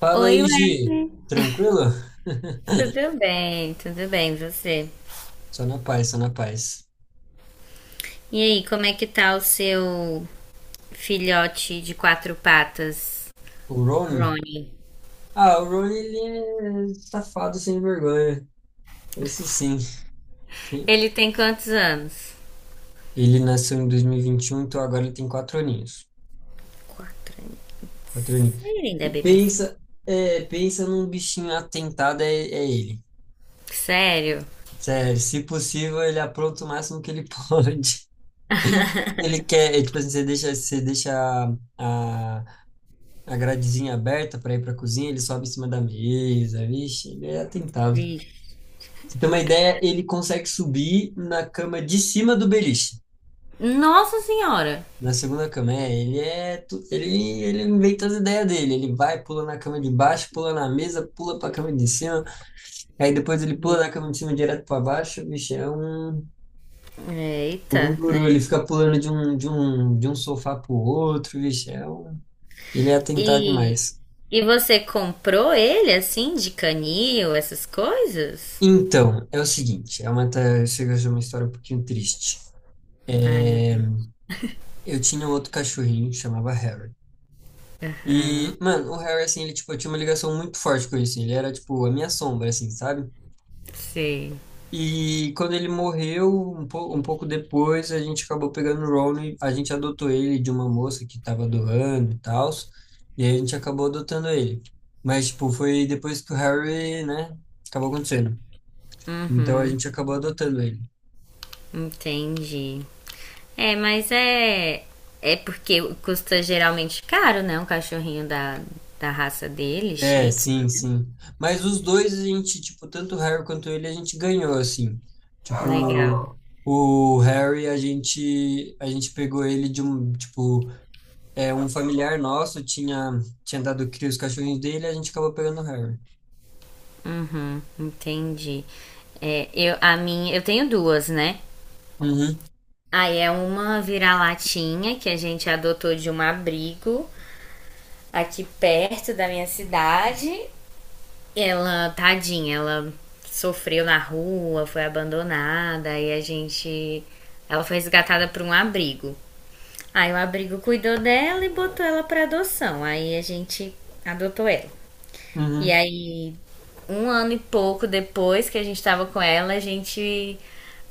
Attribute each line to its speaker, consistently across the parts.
Speaker 1: Fala
Speaker 2: Oi,
Speaker 1: aí,
Speaker 2: Wesley,
Speaker 1: Gi. Tranquilo?
Speaker 2: tudo bem? Tudo bem, você?
Speaker 1: Só na paz, só na paz.
Speaker 2: E aí, como é que tá o seu filhote de quatro patas,
Speaker 1: O Ron
Speaker 2: Ronnie?
Speaker 1: Ah, o Ron ele é safado sem vergonha. Isso sim. Sim.
Speaker 2: Ele tem quantos anos?
Speaker 1: Ele nasceu em dois mil e vinte e um, então agora ele tem 4 aninhos.
Speaker 2: Quatro anos.
Speaker 1: 4 aninhos.
Speaker 2: Ele ainda é
Speaker 1: E
Speaker 2: bebezinho.
Speaker 1: pensa, pensa num bichinho atentado, é ele.
Speaker 2: Sério?
Speaker 1: Sério, se possível, ele apronta o máximo que ele pode. Ele quer, tipo assim, você deixa a, a gradezinha aberta para ir para a cozinha, ele sobe em cima da mesa. Vixe, ele é atentado. Pra
Speaker 2: Vixe.
Speaker 1: Você tem uma ideia, ele consegue subir na cama de cima do beliche.
Speaker 2: Nossa Senhora!
Speaker 1: Na segunda cama, ele inventa as ideias dele, ele vai, pula na cama de baixo, pula na mesa, pula para a cama de cima, aí depois ele pula da cama de cima direto para baixo. Vixe, é um
Speaker 2: Eita,
Speaker 1: guru, ele
Speaker 2: né?
Speaker 1: fica pulando de um sofá pro outro. Vixe, ele é atentado
Speaker 2: E,
Speaker 1: demais.
Speaker 2: e você comprou ele assim, de canil, essas coisas?
Speaker 1: Então, é o seguinte, chega a ser uma história um pouquinho triste.
Speaker 2: Ai, meu
Speaker 1: É,
Speaker 2: Deus.
Speaker 1: eu tinha um outro cachorrinho, chamava Harry. E, mano, o Harry, assim, tipo, eu tinha uma ligação muito forte com isso. Ele era, tipo, a minha sombra, assim, sabe?
Speaker 2: Sei.
Speaker 1: E quando ele morreu, um pouco depois, a gente acabou pegando o Ron e a gente adotou ele de uma moça que tava doando e tal. E aí a gente acabou adotando ele. Mas, tipo, foi depois que o Harry, né, acabou acontecendo. Então a
Speaker 2: Uhum,
Speaker 1: gente acabou adotando ele.
Speaker 2: entendi. É, mas é. É porque custa geralmente caro, né? Um cachorrinho da raça dele,
Speaker 1: É,
Speaker 2: Shih Tzu.
Speaker 1: sim, sim. Mas os dois, a gente, tipo, tanto o Harry quanto ele, a gente ganhou, assim.
Speaker 2: Legal.
Speaker 1: Tipo, o Harry, a gente pegou ele de um, tipo, um familiar nosso tinha, tinha dado cria os cachorrinhos dele, a gente acabou pegando o Harry.
Speaker 2: Uhum, entendi. É, eu, a minha, eu tenho duas, né?
Speaker 1: Uhum,
Speaker 2: Aí é uma vira-latinha que a gente adotou de um abrigo aqui perto da minha cidade. Ela, tadinha, ela sofreu na rua, foi abandonada e a gente. Ela foi resgatada por um abrigo. Aí o abrigo cuidou dela e botou ela pra adoção. Aí a gente adotou ela. E
Speaker 1: uhum.
Speaker 2: aí, um ano e pouco depois que a gente tava com ela, a gente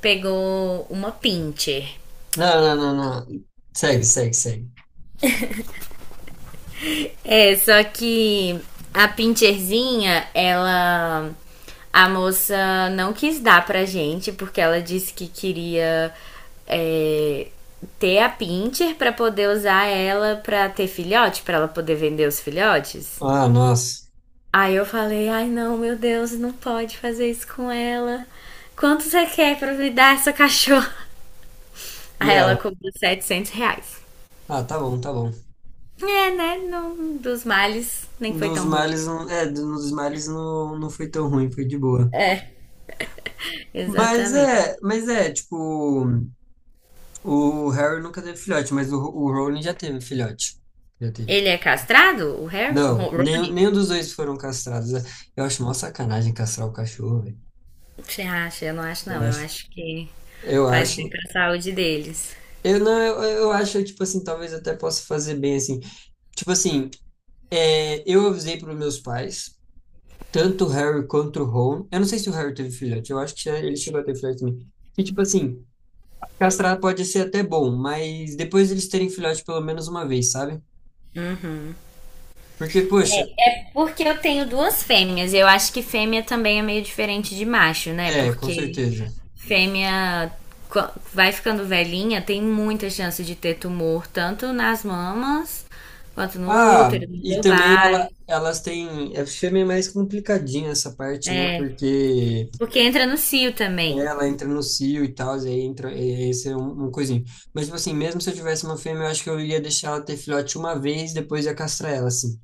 Speaker 2: pegou uma pincher.
Speaker 1: Não, não, não, não. Segue, segue, segue.
Speaker 2: É, só que a Pincherzinha, ela. A moça não quis dar pra gente, porque ela disse que queria é, ter a Pincher pra poder usar ela pra ter filhote, pra ela poder vender os filhotes.
Speaker 1: Ah, nossa.
Speaker 2: Aí eu falei, ai não, meu Deus, não pode fazer isso com ela. Quanto você quer pra me dar essa cachorra?
Speaker 1: E
Speaker 2: Aí ela
Speaker 1: ela?
Speaker 2: cobrou R$ 700.
Speaker 1: Ah, tá bom, tá bom.
Speaker 2: É, né? Não, dos males nem
Speaker 1: Um
Speaker 2: foi
Speaker 1: Dos
Speaker 2: tão ruim.
Speaker 1: males, não- é, Um dos males não foi tão ruim, foi de boa.
Speaker 2: Exatamente.
Speaker 1: Mas é, tipo. O Harry nunca teve filhote, mas o Rowling já teve filhote. Já teve.
Speaker 2: Ele é castrado, o Harry? O
Speaker 1: Não, nenhum,
Speaker 2: Rony?
Speaker 1: nenhum dos dois foram castrados. Eu acho mó sacanagem castrar o cachorro, velho.
Speaker 2: Você acha? Eu não acho,
Speaker 1: Eu
Speaker 2: não. Eu
Speaker 1: acho.
Speaker 2: acho que
Speaker 1: Eu
Speaker 2: faz bem
Speaker 1: acho.
Speaker 2: pra saúde deles.
Speaker 1: Eu não, eu acho, tipo assim, talvez até possa fazer bem assim. Tipo assim, eu avisei para os meus pais, tanto o Harry quanto o Ron. Eu não sei se o Harry teve filhote, eu acho que ele chegou a ter filhote também. Que, tipo assim, castrar pode ser até bom, mas depois eles terem filhote pelo menos uma vez, sabe? Porque, poxa,
Speaker 2: Porque eu tenho duas fêmeas e eu acho que fêmea também é meio diferente de macho, né?
Speaker 1: é, com
Speaker 2: Porque
Speaker 1: certeza.
Speaker 2: fêmea co- vai ficando velhinha, tem muita chance de ter tumor, tanto nas mamas quanto no
Speaker 1: Ah,
Speaker 2: útero, nos
Speaker 1: e também
Speaker 2: ovários,
Speaker 1: elas têm. Fêmea é mais complicadinha essa parte, né?
Speaker 2: né?
Speaker 1: Porque
Speaker 2: Porque entra no cio também.
Speaker 1: ela entra no cio e tal, e aí entra. Esse é um coisinho. Mas, tipo assim, mesmo se eu tivesse uma fêmea, eu acho que eu ia deixar ela ter filhote uma vez, depois ia castrar ela, assim.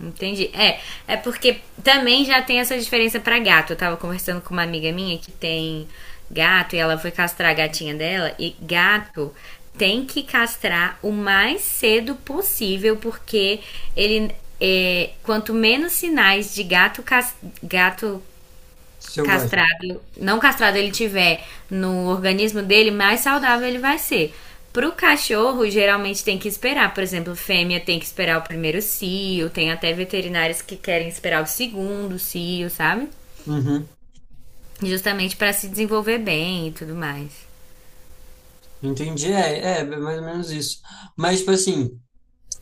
Speaker 2: Entendi. É, é porque também já tem essa diferença pra gato. Eu tava conversando com uma amiga minha que tem gato e ela foi castrar a gatinha dela e gato tem que castrar o mais cedo possível porque ele quanto menos sinais de gato
Speaker 1: Selvagem.
Speaker 2: castrado, não castrado ele tiver no organismo dele, mais saudável ele vai ser. Pro cachorro, geralmente tem que esperar. Por exemplo, fêmea tem que esperar o primeiro cio, tem até veterinários que querem esperar o segundo cio, sabe?
Speaker 1: Uhum.
Speaker 2: Justamente para se desenvolver bem e tudo mais.
Speaker 1: Entendi. É mais ou menos isso. Mas, tipo assim.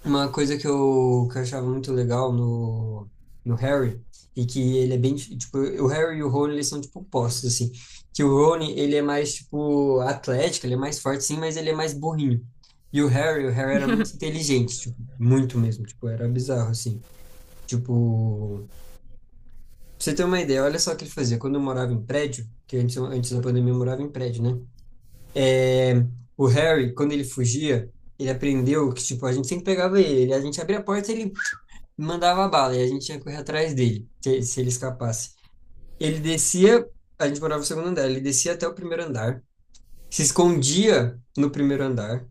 Speaker 1: Uma coisa que eu achava muito legal no Harry, e que ele é bem, tipo, o Harry e o Rony, eles são, tipo, opostos, assim, que o Rony, ele é mais, tipo, atlético, ele é mais forte, sim, mas ele é mais burrinho. E o Harry era muito inteligente, tipo, muito mesmo, tipo, era bizarro, assim. Tipo, pra você ter uma ideia, olha só o que ele fazia. Quando eu morava em prédio, que antes da pandemia eu morava em prédio, né? É, o Harry, quando ele fugia, ele aprendeu que, tipo, a gente sempre pegava ele, a gente abria a porta, e ele mandava bala e a gente tinha que correr atrás dele, se ele escapasse. Ele descia, a gente morava no segundo andar, ele descia até o primeiro andar, se escondia no primeiro andar.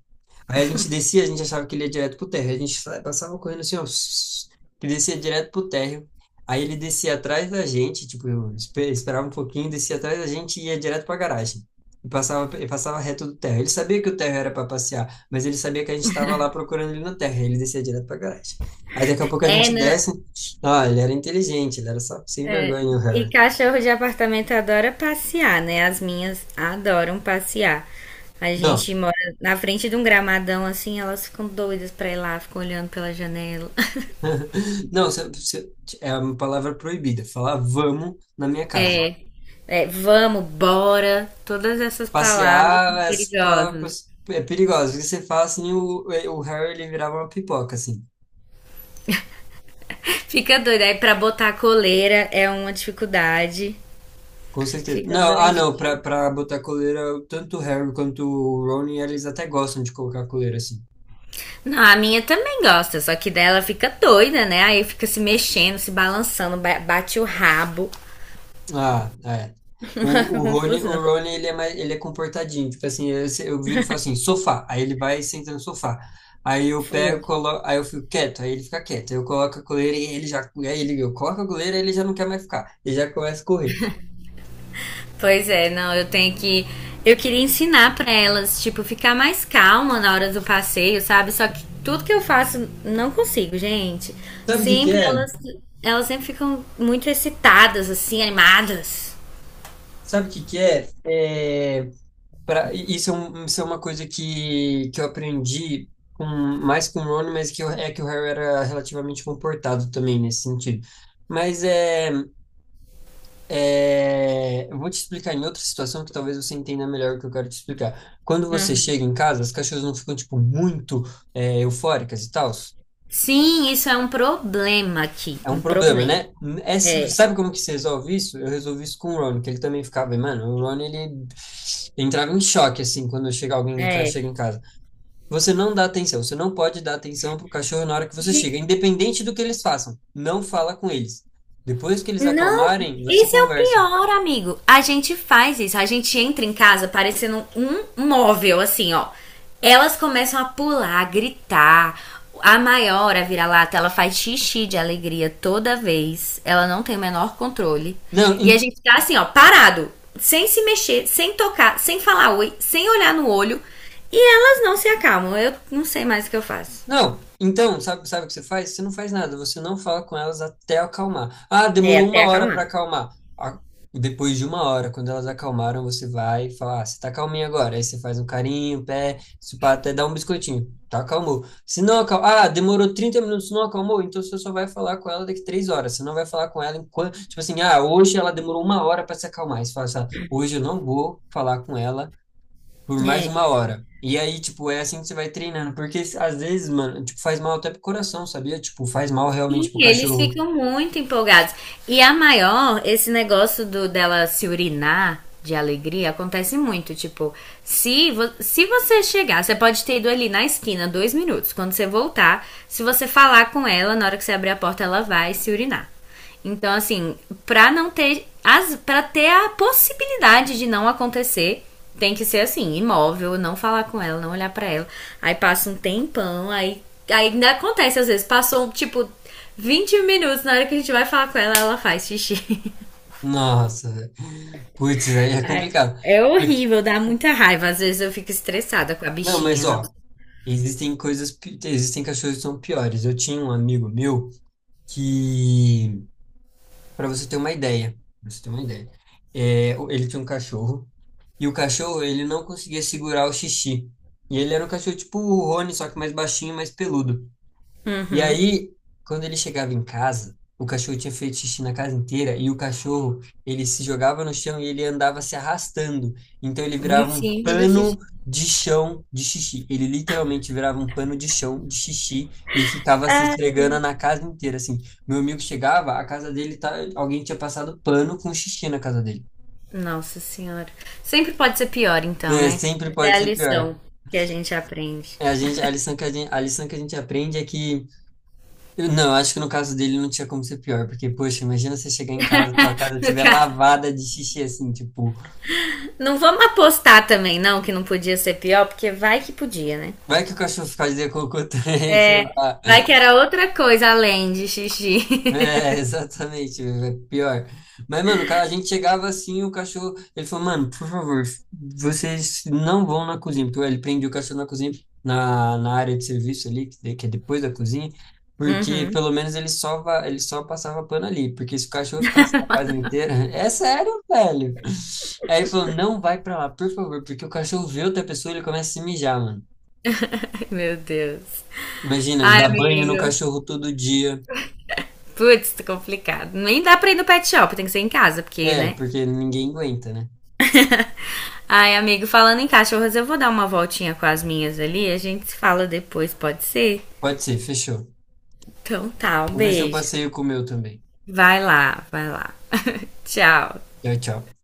Speaker 1: Aí a gente descia, a gente achava que ele ia direto pro térreo. A gente passava correndo assim, ó, que descia direto pro térreo. Aí ele descia atrás da gente, tipo, eu esperava um pouquinho, descia atrás da gente e ia direto pra garagem. E E passava reto do térreo. Ele sabia que o térreo era para passear, mas ele sabia que a gente estava lá procurando ele no térreo. Ele descia direto pra garagem. Aí daqui a pouco a
Speaker 2: É,
Speaker 1: gente
Speaker 2: não,
Speaker 1: desce. Ah, ele era inteligente, ele era só sem vergonha, o
Speaker 2: e
Speaker 1: Harry.
Speaker 2: cachorro de apartamento adora passear, né? As minhas adoram passear. A
Speaker 1: Não,
Speaker 2: gente mora na frente de um gramadão assim, elas ficam doidas pra ir lá, ficam olhando pela janela.
Speaker 1: não, é uma palavra proibida. Falar vamos na minha casa.
Speaker 2: É, vamos, bora. Todas essas palavras
Speaker 1: Passear,
Speaker 2: são
Speaker 1: essa palavra
Speaker 2: perigosas.
Speaker 1: é perigosa. Porque Você fala assim, o Harry ele virava uma pipoca, assim.
Speaker 2: Fica doido. Aí pra botar a coleira é uma dificuldade.
Speaker 1: Com certeza.
Speaker 2: Fica
Speaker 1: Não, ah, não, pra,
Speaker 2: doidinha.
Speaker 1: pra botar coleira, tanto o Harry quanto o Rony, eles até gostam de colocar coleira, assim.
Speaker 2: Não, a minha também gosta, só que dela fica doida, né? Aí fica se mexendo, se balançando, bate o rabo.
Speaker 1: Ah, é. O,
Speaker 2: Uma
Speaker 1: o Rony, o
Speaker 2: confusão.
Speaker 1: Rony, ele é mais, ele é comportadinho. Tipo assim, eu, se- eu viro e falo assim, sofá. Aí ele vai e senta no sofá. Aí eu pego, coloco, aí eu fico quieto, aí ele fica quieto. Aí eu coloco a coleira e ele já, aí ele, eu coloco a coleira e ele já não quer mais ficar. Ele já começa a correr.
Speaker 2: Pois é, não, eu tenho que. Eu queria ensinar pra elas, tipo, ficar mais calma na hora do passeio, sabe? Só que tudo que eu faço, não consigo, gente.
Speaker 1: Sabe o que que
Speaker 2: Sempre
Speaker 1: é?
Speaker 2: elas sempre ficam muito excitadas, assim, animadas.
Speaker 1: Sabe o que que é? É, pra, isso, é um- Isso é uma coisa que eu aprendi com, mais com o Rony, é que o Harry era relativamente comportado também nesse sentido. Mas é, eu vou te explicar em outra situação que talvez você entenda melhor o que eu quero te explicar. Quando você chega em casa, as cachorras não ficam, tipo, muito, eufóricas e tal?
Speaker 2: Sim, isso é um problema aqui.
Speaker 1: É um
Speaker 2: Um
Speaker 1: problema,
Speaker 2: problema.
Speaker 1: né?
Speaker 2: É,
Speaker 1: Sabe como que se resolve isso? Eu resolvi isso com o Ron, que ele também ficava, mano, o Ron, ele entrava em choque, assim, quando chega alguém,
Speaker 2: é.
Speaker 1: chega em casa. Você não dá atenção, você não pode dar atenção pro cachorro na hora que você chega, independente do que eles façam. Não fala com eles. Depois que eles
Speaker 2: Não,
Speaker 1: acalmarem, você
Speaker 2: esse é o
Speaker 1: conversa.
Speaker 2: pior, amigo. A gente faz isso, a gente entra em casa parecendo um móvel, assim, ó. Elas começam a pular, a gritar. A maior, a vira-lata, ela faz xixi de alegria toda vez. Ela não tem o menor controle.
Speaker 1: Não,
Speaker 2: E a gente tá assim, ó, parado, sem se mexer, sem tocar, sem falar oi, sem olhar no olho. E elas não se acalmam. Eu não sei mais o que eu faço.
Speaker 1: não, então, sabe o que você faz? Você não faz nada, você não fala com elas até acalmar. Ah,
Speaker 2: É,
Speaker 1: demorou
Speaker 2: até
Speaker 1: uma hora para
Speaker 2: acalmar.
Speaker 1: acalmar. Ah, depois de uma hora, quando elas acalmaram, você vai e fala, ah, você tá calminha agora. Aí você faz um carinho, um pé, se pá, até dar um biscoitinho. Tá, acalmou. Se não acalmou, ah, demorou 30 minutos, não acalmou, então você só vai falar com ela daqui 3 horas. Você não vai falar com ela enquanto, tipo assim, ah, hoje ela demorou uma hora para se acalmar. Aí você fala assim, ah, hoje eu não vou falar com ela por mais uma
Speaker 2: É.
Speaker 1: hora. E aí, tipo, é assim que você vai treinando. Porque às vezes, mano, tipo, faz mal até pro coração, sabia? Tipo, faz mal realmente
Speaker 2: Sim,
Speaker 1: pro
Speaker 2: eles
Speaker 1: cachorro.
Speaker 2: ficam muito empolgados. E a maior, esse negócio do dela se urinar de alegria acontece muito. Tipo, se, se você chegar, você pode ter ido ali na esquina 2 minutos. Quando você voltar, se você falar com ela, na hora que você abrir a porta, ela vai se urinar. Então, assim, pra não ter. As, pra ter a possibilidade de não acontecer, tem que ser assim, imóvel, não falar com ela, não olhar pra ela. Aí passa um tempão, aí ainda acontece, às vezes, passou, tipo, 20 minutos, na hora que a gente vai falar com ela, ela faz xixi.
Speaker 1: Nossa, velho. Putz, aí é
Speaker 2: Ai,
Speaker 1: complicado.
Speaker 2: é
Speaker 1: Porque-
Speaker 2: horrível, dá muita raiva. Às vezes eu fico estressada com a
Speaker 1: Não, mas
Speaker 2: bichinha, nossa.
Speaker 1: ó, existem coisas, existem cachorros que são piores. Eu tinha um amigo meu que, pra você ter uma ideia, pra você ter uma ideia, ele tinha um cachorro e o cachorro, ele não conseguia segurar o xixi. E ele era um cachorro tipo o Rony, só que mais baixinho, mais peludo. E
Speaker 2: Uhum.
Speaker 1: aí, quando ele chegava em casa, o cachorro tinha feito xixi na casa inteira e o cachorro, ele se jogava no chão e ele andava se arrastando. Então ele
Speaker 2: Em
Speaker 1: virava um
Speaker 2: cima do xixi.
Speaker 1: pano de chão de xixi. Ele literalmente virava um pano de chão de xixi e ficava se
Speaker 2: É.
Speaker 1: esfregando na casa inteira, assim. Meu amigo chegava, a casa dele tá, alguém tinha passado pano com xixi na casa dele.
Speaker 2: Nossa senhora. Sempre pode ser pior, então,
Speaker 1: É,
Speaker 2: né?
Speaker 1: sempre
Speaker 2: Essa é
Speaker 1: pode
Speaker 2: a
Speaker 1: ser pior.
Speaker 2: lição que a gente aprende.
Speaker 1: É, a gente, a lição que a gente, a lição que a gente aprende é que Eu- Não, acho que no caso dele não tinha como ser pior, porque, poxa, imagina você chegar em casa, sua casa
Speaker 2: No
Speaker 1: estiver
Speaker 2: caso,
Speaker 1: lavada de xixi, assim, tipo,
Speaker 2: não vamos apostar também, não, que não podia ser pior, porque vai que podia, né?
Speaker 1: vai que o cachorro fica de cocô também, sei lá.
Speaker 2: Vai que era outra coisa além de xixi.
Speaker 1: É, exatamente, é pior. Mas, mano, cara, a gente chegava assim, o cachorro, ele falou, mano, por favor, vocês não vão na cozinha, porque ele prende o cachorro na cozinha, na área de serviço ali, que é depois da cozinha, porque
Speaker 2: Uhum.
Speaker 1: pelo menos ele só passava pano ali, porque se o cachorro ficasse na casa inteira, é sério, velho. Aí ele falou, não vai pra lá, por favor, porque o cachorro vê outra pessoa, ele começa a se mijar, mano.
Speaker 2: Meu Deus.
Speaker 1: Imagina,
Speaker 2: Ai,
Speaker 1: dar banho no
Speaker 2: amigo.
Speaker 1: cachorro todo dia.
Speaker 2: Putz, tá complicado. Nem dá pra ir no pet shop, tem que ser em casa, porque,
Speaker 1: É,
Speaker 2: né?
Speaker 1: porque ninguém aguenta, né?
Speaker 2: Ai, amigo, falando em cachorras, eu vou dar uma voltinha com as minhas ali, a gente se fala depois, pode ser?
Speaker 1: Pode ser, fechou.
Speaker 2: Então tá, um
Speaker 1: Vou ver se eu
Speaker 2: beijo.
Speaker 1: passeio com o meu também.
Speaker 2: Vai lá, vai lá. Tchau.
Speaker 1: Tchau, tchau.